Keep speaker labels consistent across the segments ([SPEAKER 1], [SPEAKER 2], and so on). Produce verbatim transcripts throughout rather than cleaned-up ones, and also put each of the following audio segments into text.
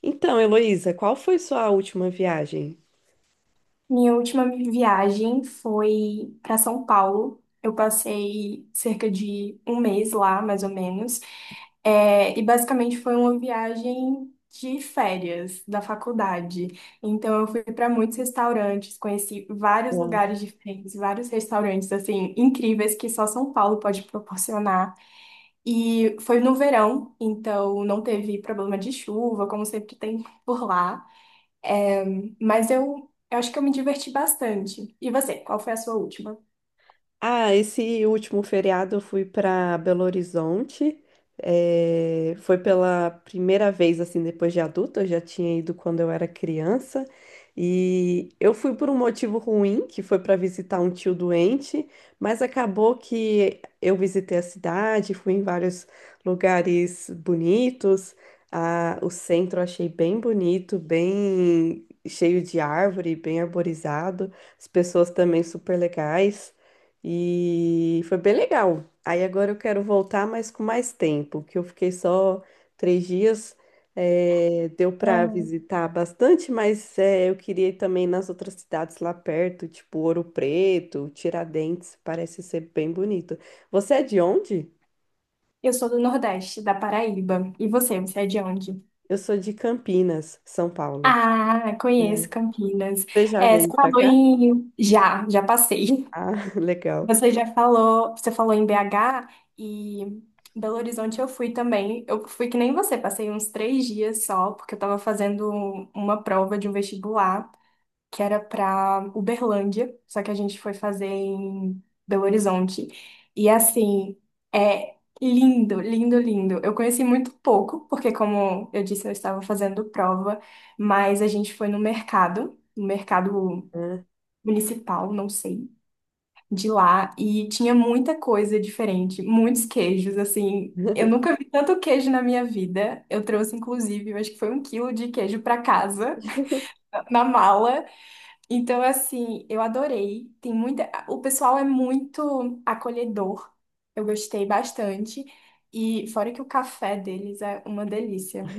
[SPEAKER 1] Então, Heloísa, qual foi sua última viagem?
[SPEAKER 2] Minha última viagem foi para São Paulo. Eu passei cerca de um mês lá, mais ou menos. É, e basicamente foi uma viagem de férias da faculdade. Então eu fui para muitos restaurantes, conheci vários lugares diferentes, vários restaurantes assim incríveis que só São Paulo pode proporcionar. E foi no verão, então não teve problema de chuva, como sempre tem por lá. Mas eu, eu acho que eu me diverti bastante. E você, qual foi a sua última?
[SPEAKER 1] Ah, esse último feriado eu fui para Belo Horizonte. Eh, foi pela primeira vez, assim, depois de adulta. Eu já tinha ido quando eu era criança. E eu fui por um motivo ruim, que foi para visitar um tio doente, mas acabou que eu visitei a cidade, fui em vários lugares bonitos. Ah, o centro eu achei bem bonito, bem cheio de árvore, bem arborizado. As pessoas também super legais. E foi bem legal. Aí agora eu quero voltar, mas com mais tempo, que eu fiquei só três dias. Eh, deu para
[SPEAKER 2] Ah,
[SPEAKER 1] visitar bastante, mas eh, eu queria ir também nas outras cidades lá perto, tipo Ouro Preto, Tiradentes, parece ser bem bonito. Você é de onde?
[SPEAKER 2] eu sou do Nordeste, da Paraíba. E você, você é de onde?
[SPEAKER 1] Eu sou de Campinas, São Paulo.
[SPEAKER 2] Ah,
[SPEAKER 1] É.
[SPEAKER 2] conheço Campinas.
[SPEAKER 1] Você já
[SPEAKER 2] É, você
[SPEAKER 1] veio para
[SPEAKER 2] falou
[SPEAKER 1] cá?
[SPEAKER 2] em. Já, já passei.
[SPEAKER 1] Ah, legal.
[SPEAKER 2] Você já falou, você falou em B H e em Belo Horizonte eu fui também. Eu fui que nem você, passei uns três dias só, porque eu tava fazendo uma prova de um vestibular, que era pra Uberlândia, só que a gente foi fazer em Belo Horizonte. E assim, é lindo, lindo, lindo. Eu conheci muito pouco, porque como eu disse, eu estava fazendo prova, mas a gente foi no mercado, no mercado
[SPEAKER 1] É.
[SPEAKER 2] municipal, não sei, de lá, e tinha muita coisa diferente, muitos queijos, assim. Eu nunca vi tanto queijo na minha vida. Eu trouxe, inclusive, eu acho que foi um quilo de queijo pra casa, na mala. Então, assim, eu adorei. Tem muita. O pessoal é muito acolhedor. Eu gostei bastante. E fora que o café deles é uma delícia.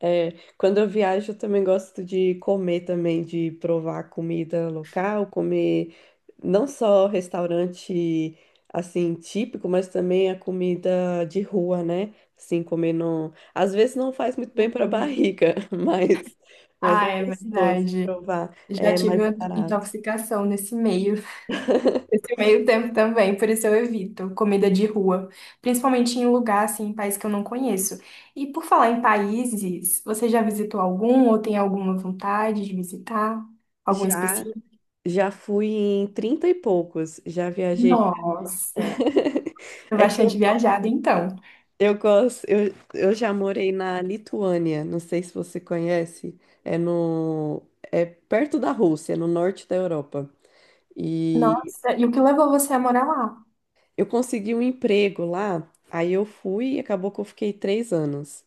[SPEAKER 1] É, quando eu viajo, eu também gosto de comer também, de provar comida local, comer não só restaurante assim típico, mas também a comida de rua, né? Assim, comer não, às vezes não faz muito bem para a
[SPEAKER 2] Hum.
[SPEAKER 1] barriga, mas mas é
[SPEAKER 2] Ah, é
[SPEAKER 1] gostoso
[SPEAKER 2] verdade.
[SPEAKER 1] provar,
[SPEAKER 2] Já
[SPEAKER 1] é
[SPEAKER 2] tive
[SPEAKER 1] mais
[SPEAKER 2] uma
[SPEAKER 1] barato.
[SPEAKER 2] intoxicação nesse meio, nesse meio tempo também, por isso eu evito comida de rua, principalmente em lugar assim, em país que eu não conheço. E por falar em países, você já visitou algum ou tem alguma vontade de visitar? Algum
[SPEAKER 1] Já
[SPEAKER 2] específico?
[SPEAKER 1] já fui em trinta e poucos, já viajei.
[SPEAKER 2] Nossa!
[SPEAKER 1] É que
[SPEAKER 2] Bastante viajada, então.
[SPEAKER 1] Eu gosto, eu, eu já morei na Lituânia, não sei se você conhece, é no, é perto da Rússia, no norte da Europa. E
[SPEAKER 2] Nossa, e o que levou você a morar lá?
[SPEAKER 1] eu consegui um emprego lá, aí eu fui e acabou que eu fiquei três anos.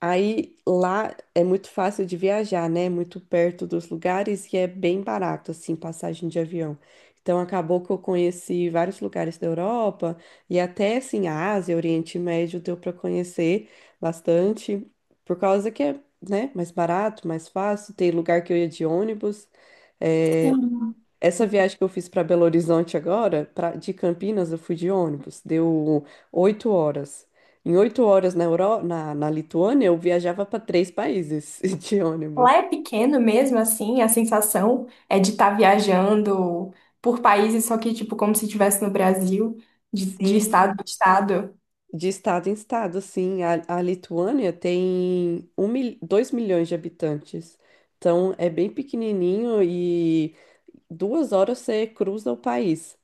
[SPEAKER 1] Aí lá é muito fácil de viajar, né? Muito perto dos lugares e é bem barato, assim, passagem de avião. Então acabou que eu conheci vários lugares da Europa e até assim a Ásia, Oriente Médio deu para conhecer bastante, por causa que é, né, mais barato, mais fácil. Tem lugar que eu ia de ônibus. eh,
[SPEAKER 2] Sim.
[SPEAKER 1] Essa viagem que eu fiz para Belo Horizonte agora, pra- de Campinas, eu fui de ônibus, deu oito horas. Em oito horas na Euro, na, na Lituânia, eu viajava para três países de
[SPEAKER 2] Lá
[SPEAKER 1] ônibus.
[SPEAKER 2] é pequeno mesmo, assim, a sensação é de estar viajando por países, só que, tipo, como se estivesse no Brasil, de, de
[SPEAKER 1] Sim,
[SPEAKER 2] estado em estado.
[SPEAKER 1] de estado em estado, sim. A, a Lituânia tem um, mil- dois milhões de habitantes. Então é bem pequenininho e duas horas você cruza o país.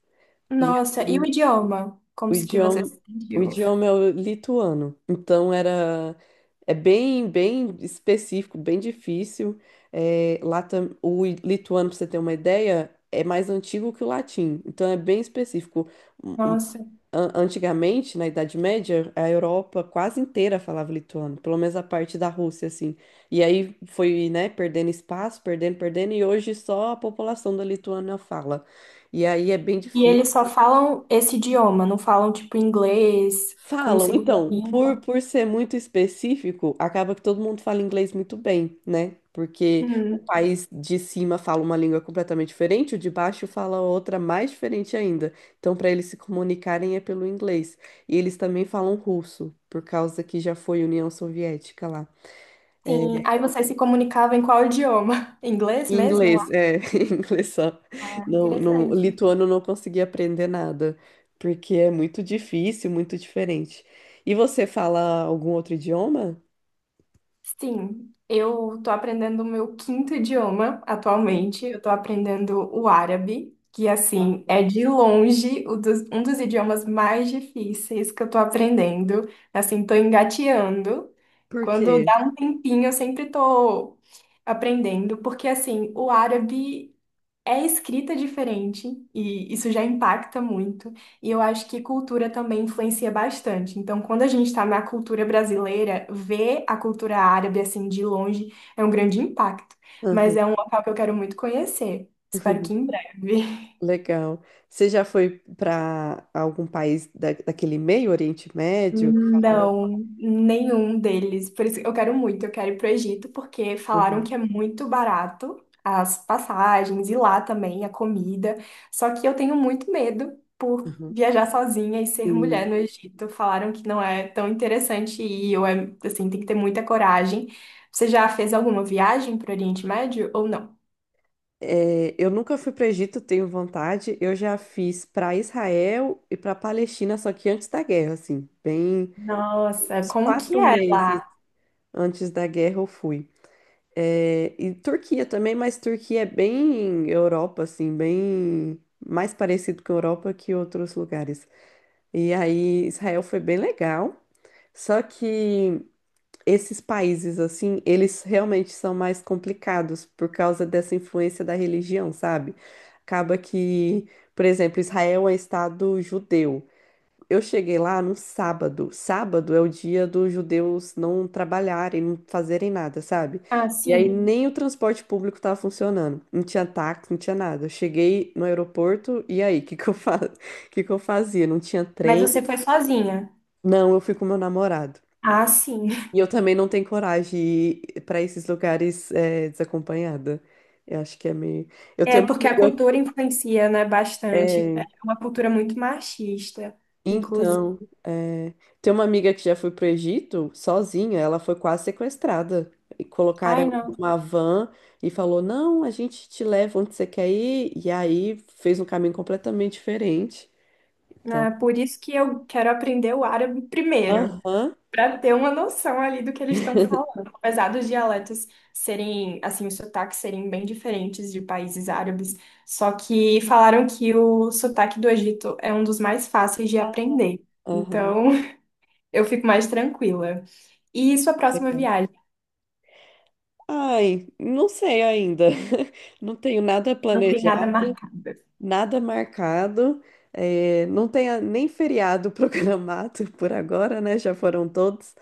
[SPEAKER 1] E
[SPEAKER 2] Nossa, e o
[SPEAKER 1] aí
[SPEAKER 2] idioma? Como
[SPEAKER 1] O
[SPEAKER 2] se que você
[SPEAKER 1] idioma,
[SPEAKER 2] se
[SPEAKER 1] o
[SPEAKER 2] sentiu?
[SPEAKER 1] idioma é o lituano. Então era é bem bem específico, bem difícil. É, lá tam- o i- lituano, para você ter uma ideia, é mais antigo que o latim. Então é bem específico. Um- um-
[SPEAKER 2] Nossa.
[SPEAKER 1] an- Antigamente, na Idade Média, a Europa quase inteira falava lituano, pelo menos a parte da Rússia, assim. E aí foi, né, perdendo espaço, perdendo, perdendo, e hoje só a população da Lituânia fala. E aí é bem
[SPEAKER 2] E
[SPEAKER 1] difícil.
[SPEAKER 2] eles só falam esse idioma, não falam, tipo, inglês como
[SPEAKER 1] Falam,
[SPEAKER 2] segunda
[SPEAKER 1] então, por,
[SPEAKER 2] língua?
[SPEAKER 1] por ser muito específico, acaba que todo mundo fala inglês muito bem, né? Porque o
[SPEAKER 2] Hum,
[SPEAKER 1] país de cima fala uma língua completamente diferente, o de baixo fala outra mais diferente ainda. Então, para eles se comunicarem é pelo inglês. E eles também falam russo, por causa que já foi União Soviética lá. É,
[SPEAKER 2] sim. Aí você se comunicava em qual idioma? Inglês mesmo lá?
[SPEAKER 1] inglês, é, inglês só.
[SPEAKER 2] Ah,
[SPEAKER 1] Não, não, o
[SPEAKER 2] interessante.
[SPEAKER 1] lituano não conseguia aprender nada, porque é muito difícil, muito diferente. E você fala algum outro idioma?
[SPEAKER 2] Sim, eu tô aprendendo o meu quinto idioma
[SPEAKER 1] Ah,
[SPEAKER 2] atualmente. Eu tô aprendendo o árabe, que assim
[SPEAKER 1] uau.
[SPEAKER 2] é de longe o dos- um dos idiomas mais difíceis que eu tô aprendendo. Assim, tô engateando.
[SPEAKER 1] Por
[SPEAKER 2] Quando
[SPEAKER 1] quê?
[SPEAKER 2] dá um tempinho, eu sempre tô aprendendo, porque assim, o árabe é escrita diferente e isso já impacta muito. E eu acho que cultura também influencia bastante. Então, quando a gente está na cultura brasileira, ver a cultura árabe assim de longe é um grande impacto. Mas
[SPEAKER 1] Aham.
[SPEAKER 2] é um local que eu quero muito conhecer. Espero que em breve.
[SPEAKER 1] Legal. Você já foi para algum país da, daquele meio Oriente Médio? Que falaram.
[SPEAKER 2] Não, nenhum deles. Por isso que eu quero muito, eu quero ir para Egito, porque falaram
[SPEAKER 1] Aham,
[SPEAKER 2] que é muito barato as passagens e lá também a comida. Só que eu tenho muito medo por
[SPEAKER 1] aham.
[SPEAKER 2] viajar sozinha e ser mulher
[SPEAKER 1] Sim.
[SPEAKER 2] no Egito. Falaram que não é tão interessante ir, ou é, assim, tem que ter muita coragem. Você já fez alguma viagem pro Oriente Médio ou não?
[SPEAKER 1] É, eu nunca fui para Egito, tenho vontade. Eu já fiz para Israel e para Palestina, só que antes da guerra, assim, bem
[SPEAKER 2] Nossa,
[SPEAKER 1] uns
[SPEAKER 2] como que
[SPEAKER 1] quatro
[SPEAKER 2] é
[SPEAKER 1] meses
[SPEAKER 2] lá?
[SPEAKER 1] antes da guerra eu fui. É, e Turquia também, mas Turquia é bem Europa, assim, bem mais parecido com a Europa que outros lugares. E aí Israel foi bem legal. Só que esses países, assim, eles realmente são mais complicados por causa dessa influência da religião, sabe? Acaba que, por exemplo, Israel é estado judeu. Eu cheguei lá no sábado. Sábado é o dia dos judeus não trabalharem, não fazerem nada, sabe?
[SPEAKER 2] Ah,
[SPEAKER 1] E aí
[SPEAKER 2] sim.
[SPEAKER 1] nem o transporte público estava funcionando. Não tinha táxi, não tinha nada. Eu cheguei no aeroporto e aí, o que que eu fa... que que eu fazia? Não tinha
[SPEAKER 2] Mas
[SPEAKER 1] trem.
[SPEAKER 2] você foi sozinha.
[SPEAKER 1] Não, eu fui com meu namorado.
[SPEAKER 2] Ah, sim.
[SPEAKER 1] E eu também não tenho coragem de ir para esses lugares é, desacompanhada. Eu acho que é meio. Eu
[SPEAKER 2] É,
[SPEAKER 1] tenho uma
[SPEAKER 2] porque a
[SPEAKER 1] amiga.
[SPEAKER 2] cultura influencia, né, bastante.
[SPEAKER 1] é,
[SPEAKER 2] É uma cultura muito machista, inclusive.
[SPEAKER 1] Então, é, tem uma amiga que já foi para o Egito sozinha. Ela foi quase sequestrada. E colocaram
[SPEAKER 2] Ai,
[SPEAKER 1] ela
[SPEAKER 2] não.
[SPEAKER 1] numa van e falou: Não, a gente te leva onde você quer ir. E aí fez um caminho completamente diferente. Então,
[SPEAKER 2] É por isso que eu quero aprender o árabe primeiro,
[SPEAKER 1] aham,
[SPEAKER 2] para ter uma noção ali do que eles estão falando. Apesar dos dialetos serem, assim, os sotaques serem bem diferentes de países árabes, só que falaram que o sotaque do Egito é um dos mais fáceis de aprender.
[SPEAKER 1] aham.
[SPEAKER 2] Então, eu fico mais tranquila. E sua próxima
[SPEAKER 1] Legal.
[SPEAKER 2] viagem?
[SPEAKER 1] Ai, não sei ainda. Não tenho nada
[SPEAKER 2] Não tem nada
[SPEAKER 1] planejado.
[SPEAKER 2] marcado.
[SPEAKER 1] Nada marcado, eh, não tem a- nem feriado programado por agora, né? Já foram todos.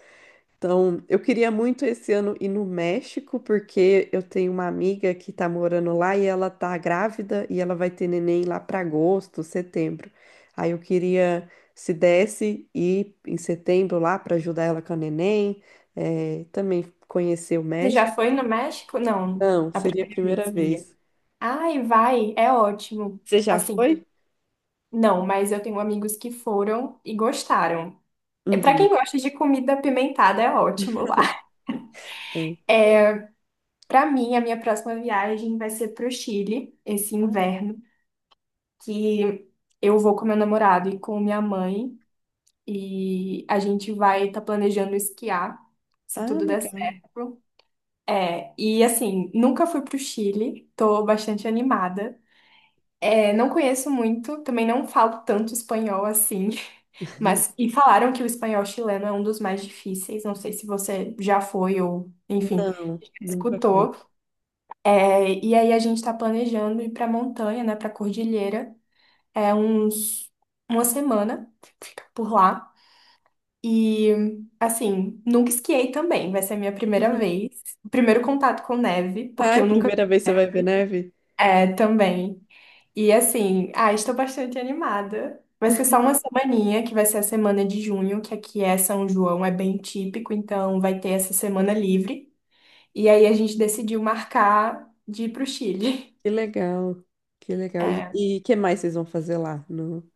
[SPEAKER 1] Então, eu queria muito esse ano ir no México, porque eu tenho uma amiga que tá morando lá e ela tá grávida e ela vai ter neném lá para agosto, setembro. Aí eu queria, se desse, ir em setembro lá para ajudar ela com a neném, eh, também conhecer o
[SPEAKER 2] Você já
[SPEAKER 1] México.
[SPEAKER 2] foi no México? Não,
[SPEAKER 1] Não,
[SPEAKER 2] a
[SPEAKER 1] seria a
[SPEAKER 2] primeira vez
[SPEAKER 1] primeira
[SPEAKER 2] seria.
[SPEAKER 1] vez.
[SPEAKER 2] Ai, vai, é ótimo.
[SPEAKER 1] Você já
[SPEAKER 2] Assim,
[SPEAKER 1] foi?
[SPEAKER 2] não, mas eu tenho amigos que foram e gostaram. É para
[SPEAKER 1] Uhum.
[SPEAKER 2] quem gosta de comida apimentada, é ótimo lá. É, para mim, a minha próxima viagem vai ser pro Chile esse
[SPEAKER 1] Ah,
[SPEAKER 2] inverno, que eu vou com meu namorado e com minha mãe e a gente vai estar planejando esquiar, se
[SPEAKER 1] ah,
[SPEAKER 2] tudo der
[SPEAKER 1] legal.
[SPEAKER 2] certo. É, e assim, nunca fui pro Chile, tô bastante animada. É, não conheço muito, também não falo tanto espanhol assim, mas e falaram que o espanhol chileno é um dos mais difíceis. Não sei se você já foi ou, enfim,
[SPEAKER 1] Não, nunca foi.
[SPEAKER 2] escutou. É, e aí a gente está planejando ir para montanha, né, para cordilheira, é uns uma semana fica por lá. E assim, nunca esquiei também, vai ser a minha primeira vez, primeiro contato com neve, porque
[SPEAKER 1] Ai,
[SPEAKER 2] eu nunca
[SPEAKER 1] primeira vez você vai ver neve?
[SPEAKER 2] é também. E assim, ah, estou bastante animada. Vai ser só uma semaninha, que vai ser a semana de junho, que aqui é São João, é bem típico, então vai ter essa semana livre. E aí a gente decidiu marcar de ir pro Chile.
[SPEAKER 1] Que legal, que legal.
[SPEAKER 2] É.
[SPEAKER 1] E o que mais vocês vão fazer lá, no,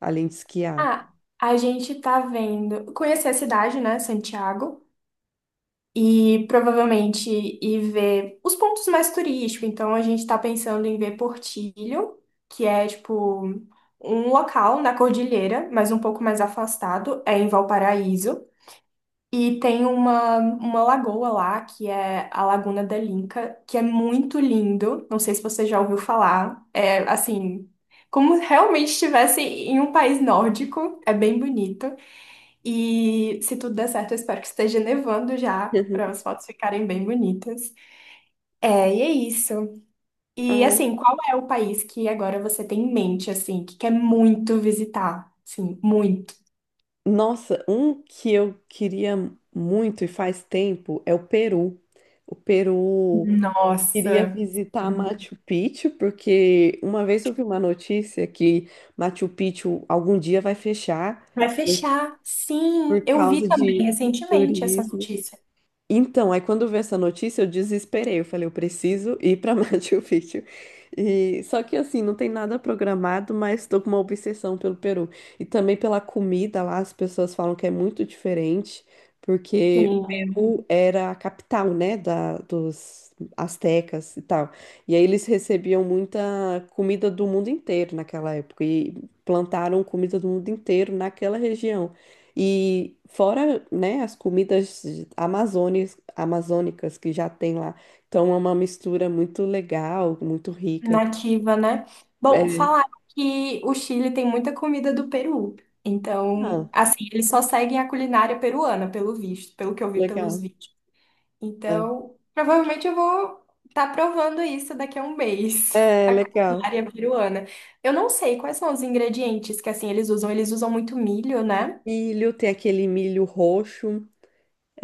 [SPEAKER 1] além de esquiar?
[SPEAKER 2] Ah, a gente tá vendo. Conhecer a cidade, né? Santiago, e provavelmente ir ver os pontos mais turísticos. Então, a gente está pensando em ver Portillo, que é tipo um local na cordilheira, mas um pouco mais afastado, é em Valparaíso. E tem uma, uma lagoa lá, que é a Laguna da Linca, que é muito lindo. Não sei se você já ouviu falar. É assim, como realmente estivesse em um país nórdico, é bem bonito. E se tudo der certo, eu espero que esteja nevando já, para as fotos ficarem bem bonitas. É, e é isso. E
[SPEAKER 1] Ah,
[SPEAKER 2] assim, qual é o país que agora você tem em mente, assim, que quer muito visitar? Sim, muito.
[SPEAKER 1] nossa, um que eu queria muito e faz tempo é o Peru. O Peru queria
[SPEAKER 2] Nossa.
[SPEAKER 1] visitar Machu Picchu, porque uma vez eu vi uma notícia que Machu Picchu algum dia vai fechar
[SPEAKER 2] Vai
[SPEAKER 1] por
[SPEAKER 2] fechar. Sim,
[SPEAKER 1] por
[SPEAKER 2] eu vi
[SPEAKER 1] causa
[SPEAKER 2] também
[SPEAKER 1] de
[SPEAKER 2] recentemente essa
[SPEAKER 1] turismo.
[SPEAKER 2] notícia.
[SPEAKER 1] Então, aí quando eu vi essa notícia, eu desesperei. Eu falei, eu preciso ir para Machu Picchu. E só que assim, não tem nada programado, mas estou com uma obsessão pelo Peru. E também pela comida lá, as pessoas falam que é muito diferente, porque o
[SPEAKER 2] Tem
[SPEAKER 1] Peru era a capital, né, da, dos astecas e tal. E aí eles recebiam muita comida do mundo inteiro naquela época e plantaram comida do mundo inteiro naquela região. E fora, né, as comidas amazônicas, amazônicas que já tem lá. Então é uma mistura muito legal, muito rica.
[SPEAKER 2] nativa, né? Bom,
[SPEAKER 1] É,
[SPEAKER 2] falaram que o Chile tem muita comida do Peru. Então,
[SPEAKER 1] ah,
[SPEAKER 2] assim, eles só seguem a culinária peruana, pelo visto, pelo que eu vi pelos
[SPEAKER 1] legal.
[SPEAKER 2] vídeos.
[SPEAKER 1] É,
[SPEAKER 2] Então, provavelmente eu vou estar provando isso daqui a um mês,
[SPEAKER 1] é
[SPEAKER 2] a
[SPEAKER 1] legal.
[SPEAKER 2] culinária peruana. Eu não sei quais são os ingredientes que, assim, eles usam. Eles usam muito milho, né?
[SPEAKER 1] Milho, tem aquele milho roxo.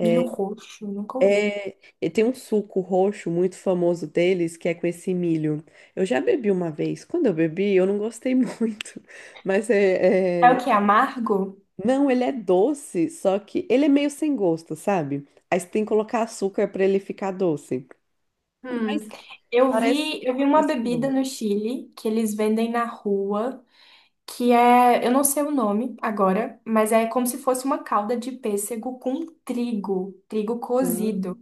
[SPEAKER 2] Milho roxo, nunca ouvi.
[SPEAKER 1] É, e tem um suco roxo muito famoso deles, que é com esse milho. Eu já bebi uma vez. Quando eu bebi, eu não gostei muito, mas
[SPEAKER 2] É o
[SPEAKER 1] é, é
[SPEAKER 2] que? Amargo?
[SPEAKER 1] Não, ele é doce, só que ele é meio sem gosto, sabe? Aí você tem que colocar açúcar pra ele ficar doce.
[SPEAKER 2] Hum,
[SPEAKER 1] Mas
[SPEAKER 2] eu
[SPEAKER 1] parece,
[SPEAKER 2] vi, eu vi uma
[SPEAKER 1] parece que
[SPEAKER 2] bebida
[SPEAKER 1] não.
[SPEAKER 2] no Chile que eles vendem na rua, que é, eu não sei o nome agora, mas é como se fosse uma calda de pêssego com trigo, trigo
[SPEAKER 1] Ah.
[SPEAKER 2] cozido.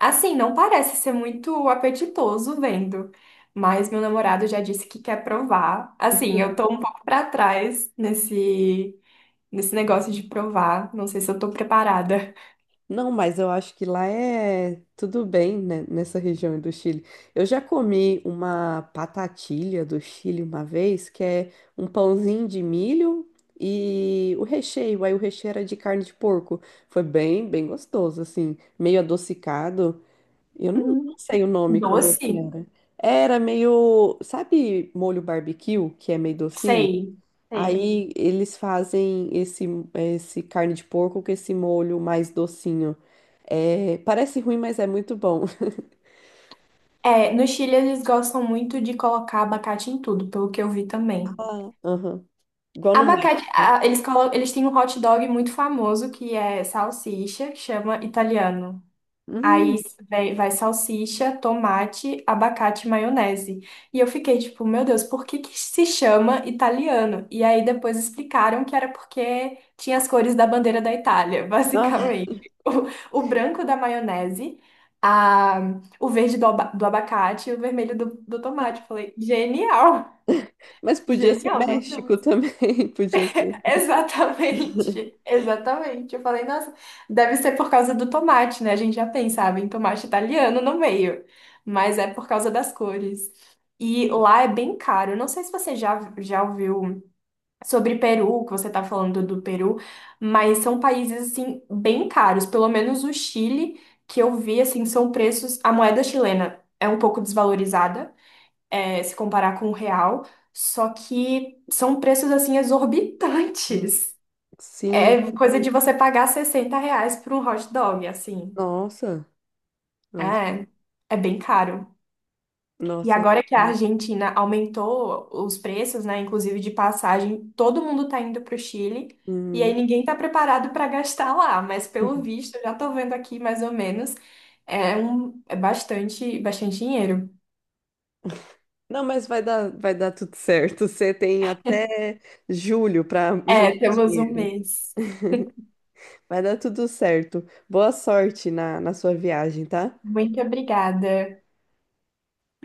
[SPEAKER 2] Assim, não parece ser muito apetitoso vendo, mas meu namorado já disse que quer provar. Assim, eu tô um pouco pra trás nesse nesse negócio de provar, não sei se eu tô preparada.
[SPEAKER 1] Não, mas eu acho que lá é tudo bem, né, nessa região do Chile. Eu já comi uma patatilha do Chile uma vez, que é um pãozinho de milho e o recheio. Aí o recheio era de carne de porco. Foi bem, bem gostoso, assim, meio adocicado. Eu não
[SPEAKER 2] Hum.
[SPEAKER 1] não sei o nome como que
[SPEAKER 2] Doce?
[SPEAKER 1] era. Era meio, sabe, molho barbecue, que é meio docinho?
[SPEAKER 2] Sei, sei.
[SPEAKER 1] Aí eles fazem esse, esse carne de porco com esse molho mais docinho. É, parece ruim, mas é muito bom.
[SPEAKER 2] É, no Chile eles gostam muito de colocar abacate em tudo, pelo que eu vi também.
[SPEAKER 1] Ah, aham. Igual no
[SPEAKER 2] Abacate.
[SPEAKER 1] México.
[SPEAKER 2] A- eles, colo- eles têm um hot dog muito famoso que é salsicha, que chama italiano. Aí
[SPEAKER 1] Hum,
[SPEAKER 2] vai, vai salsicha, tomate, abacate, e maionese. E eu fiquei tipo, meu Deus, por que que se chama italiano? E aí depois explicaram que era porque tinha as cores da bandeira da Itália,
[SPEAKER 1] ah,
[SPEAKER 2] basicamente. O, o branco da maionese, a, o verde do, aba- do abacate e o vermelho do, do tomate. Eu falei, genial!
[SPEAKER 1] mas podia ser
[SPEAKER 2] Genial, não?
[SPEAKER 1] México também, podia ser.
[SPEAKER 2] Exatamente, exatamente. Eu falei, nossa, deve ser por causa do tomate, né? A gente já pensava em tomate italiano no meio, mas é por causa das cores. E lá é bem caro. Eu não sei se você já, já ouviu sobre Peru, que você está falando do Peru, mas são países, assim, bem caros. Pelo menos o Chile, que eu vi, assim, são preços. A moeda chilena é um pouco desvalorizada, eh, se comparar com o real, só que são preços, assim,
[SPEAKER 1] Hum.
[SPEAKER 2] exorbitantes.
[SPEAKER 1] Sim,
[SPEAKER 2] É coisa de você pagar sessenta reais por um hot dog, assim.
[SPEAKER 1] nossa, nossa,
[SPEAKER 2] É, é bem caro. E
[SPEAKER 1] nossa.
[SPEAKER 2] agora que a Argentina aumentou os preços, né, inclusive de passagem, todo mundo tá indo pro Chile. E aí
[SPEAKER 1] Hum.
[SPEAKER 2] ninguém tá preparado para gastar lá, mas pelo visto, eu já tô vendo aqui mais ou menos, é um, é bastante, bastante dinheiro.
[SPEAKER 1] Não, mas vai dar, vai dar tudo certo. Você tem até julho para juntar
[SPEAKER 2] É, temos um
[SPEAKER 1] dinheiro.
[SPEAKER 2] mês.
[SPEAKER 1] Vai dar tudo certo. Boa sorte na, na sua viagem, tá?
[SPEAKER 2] Muito obrigada.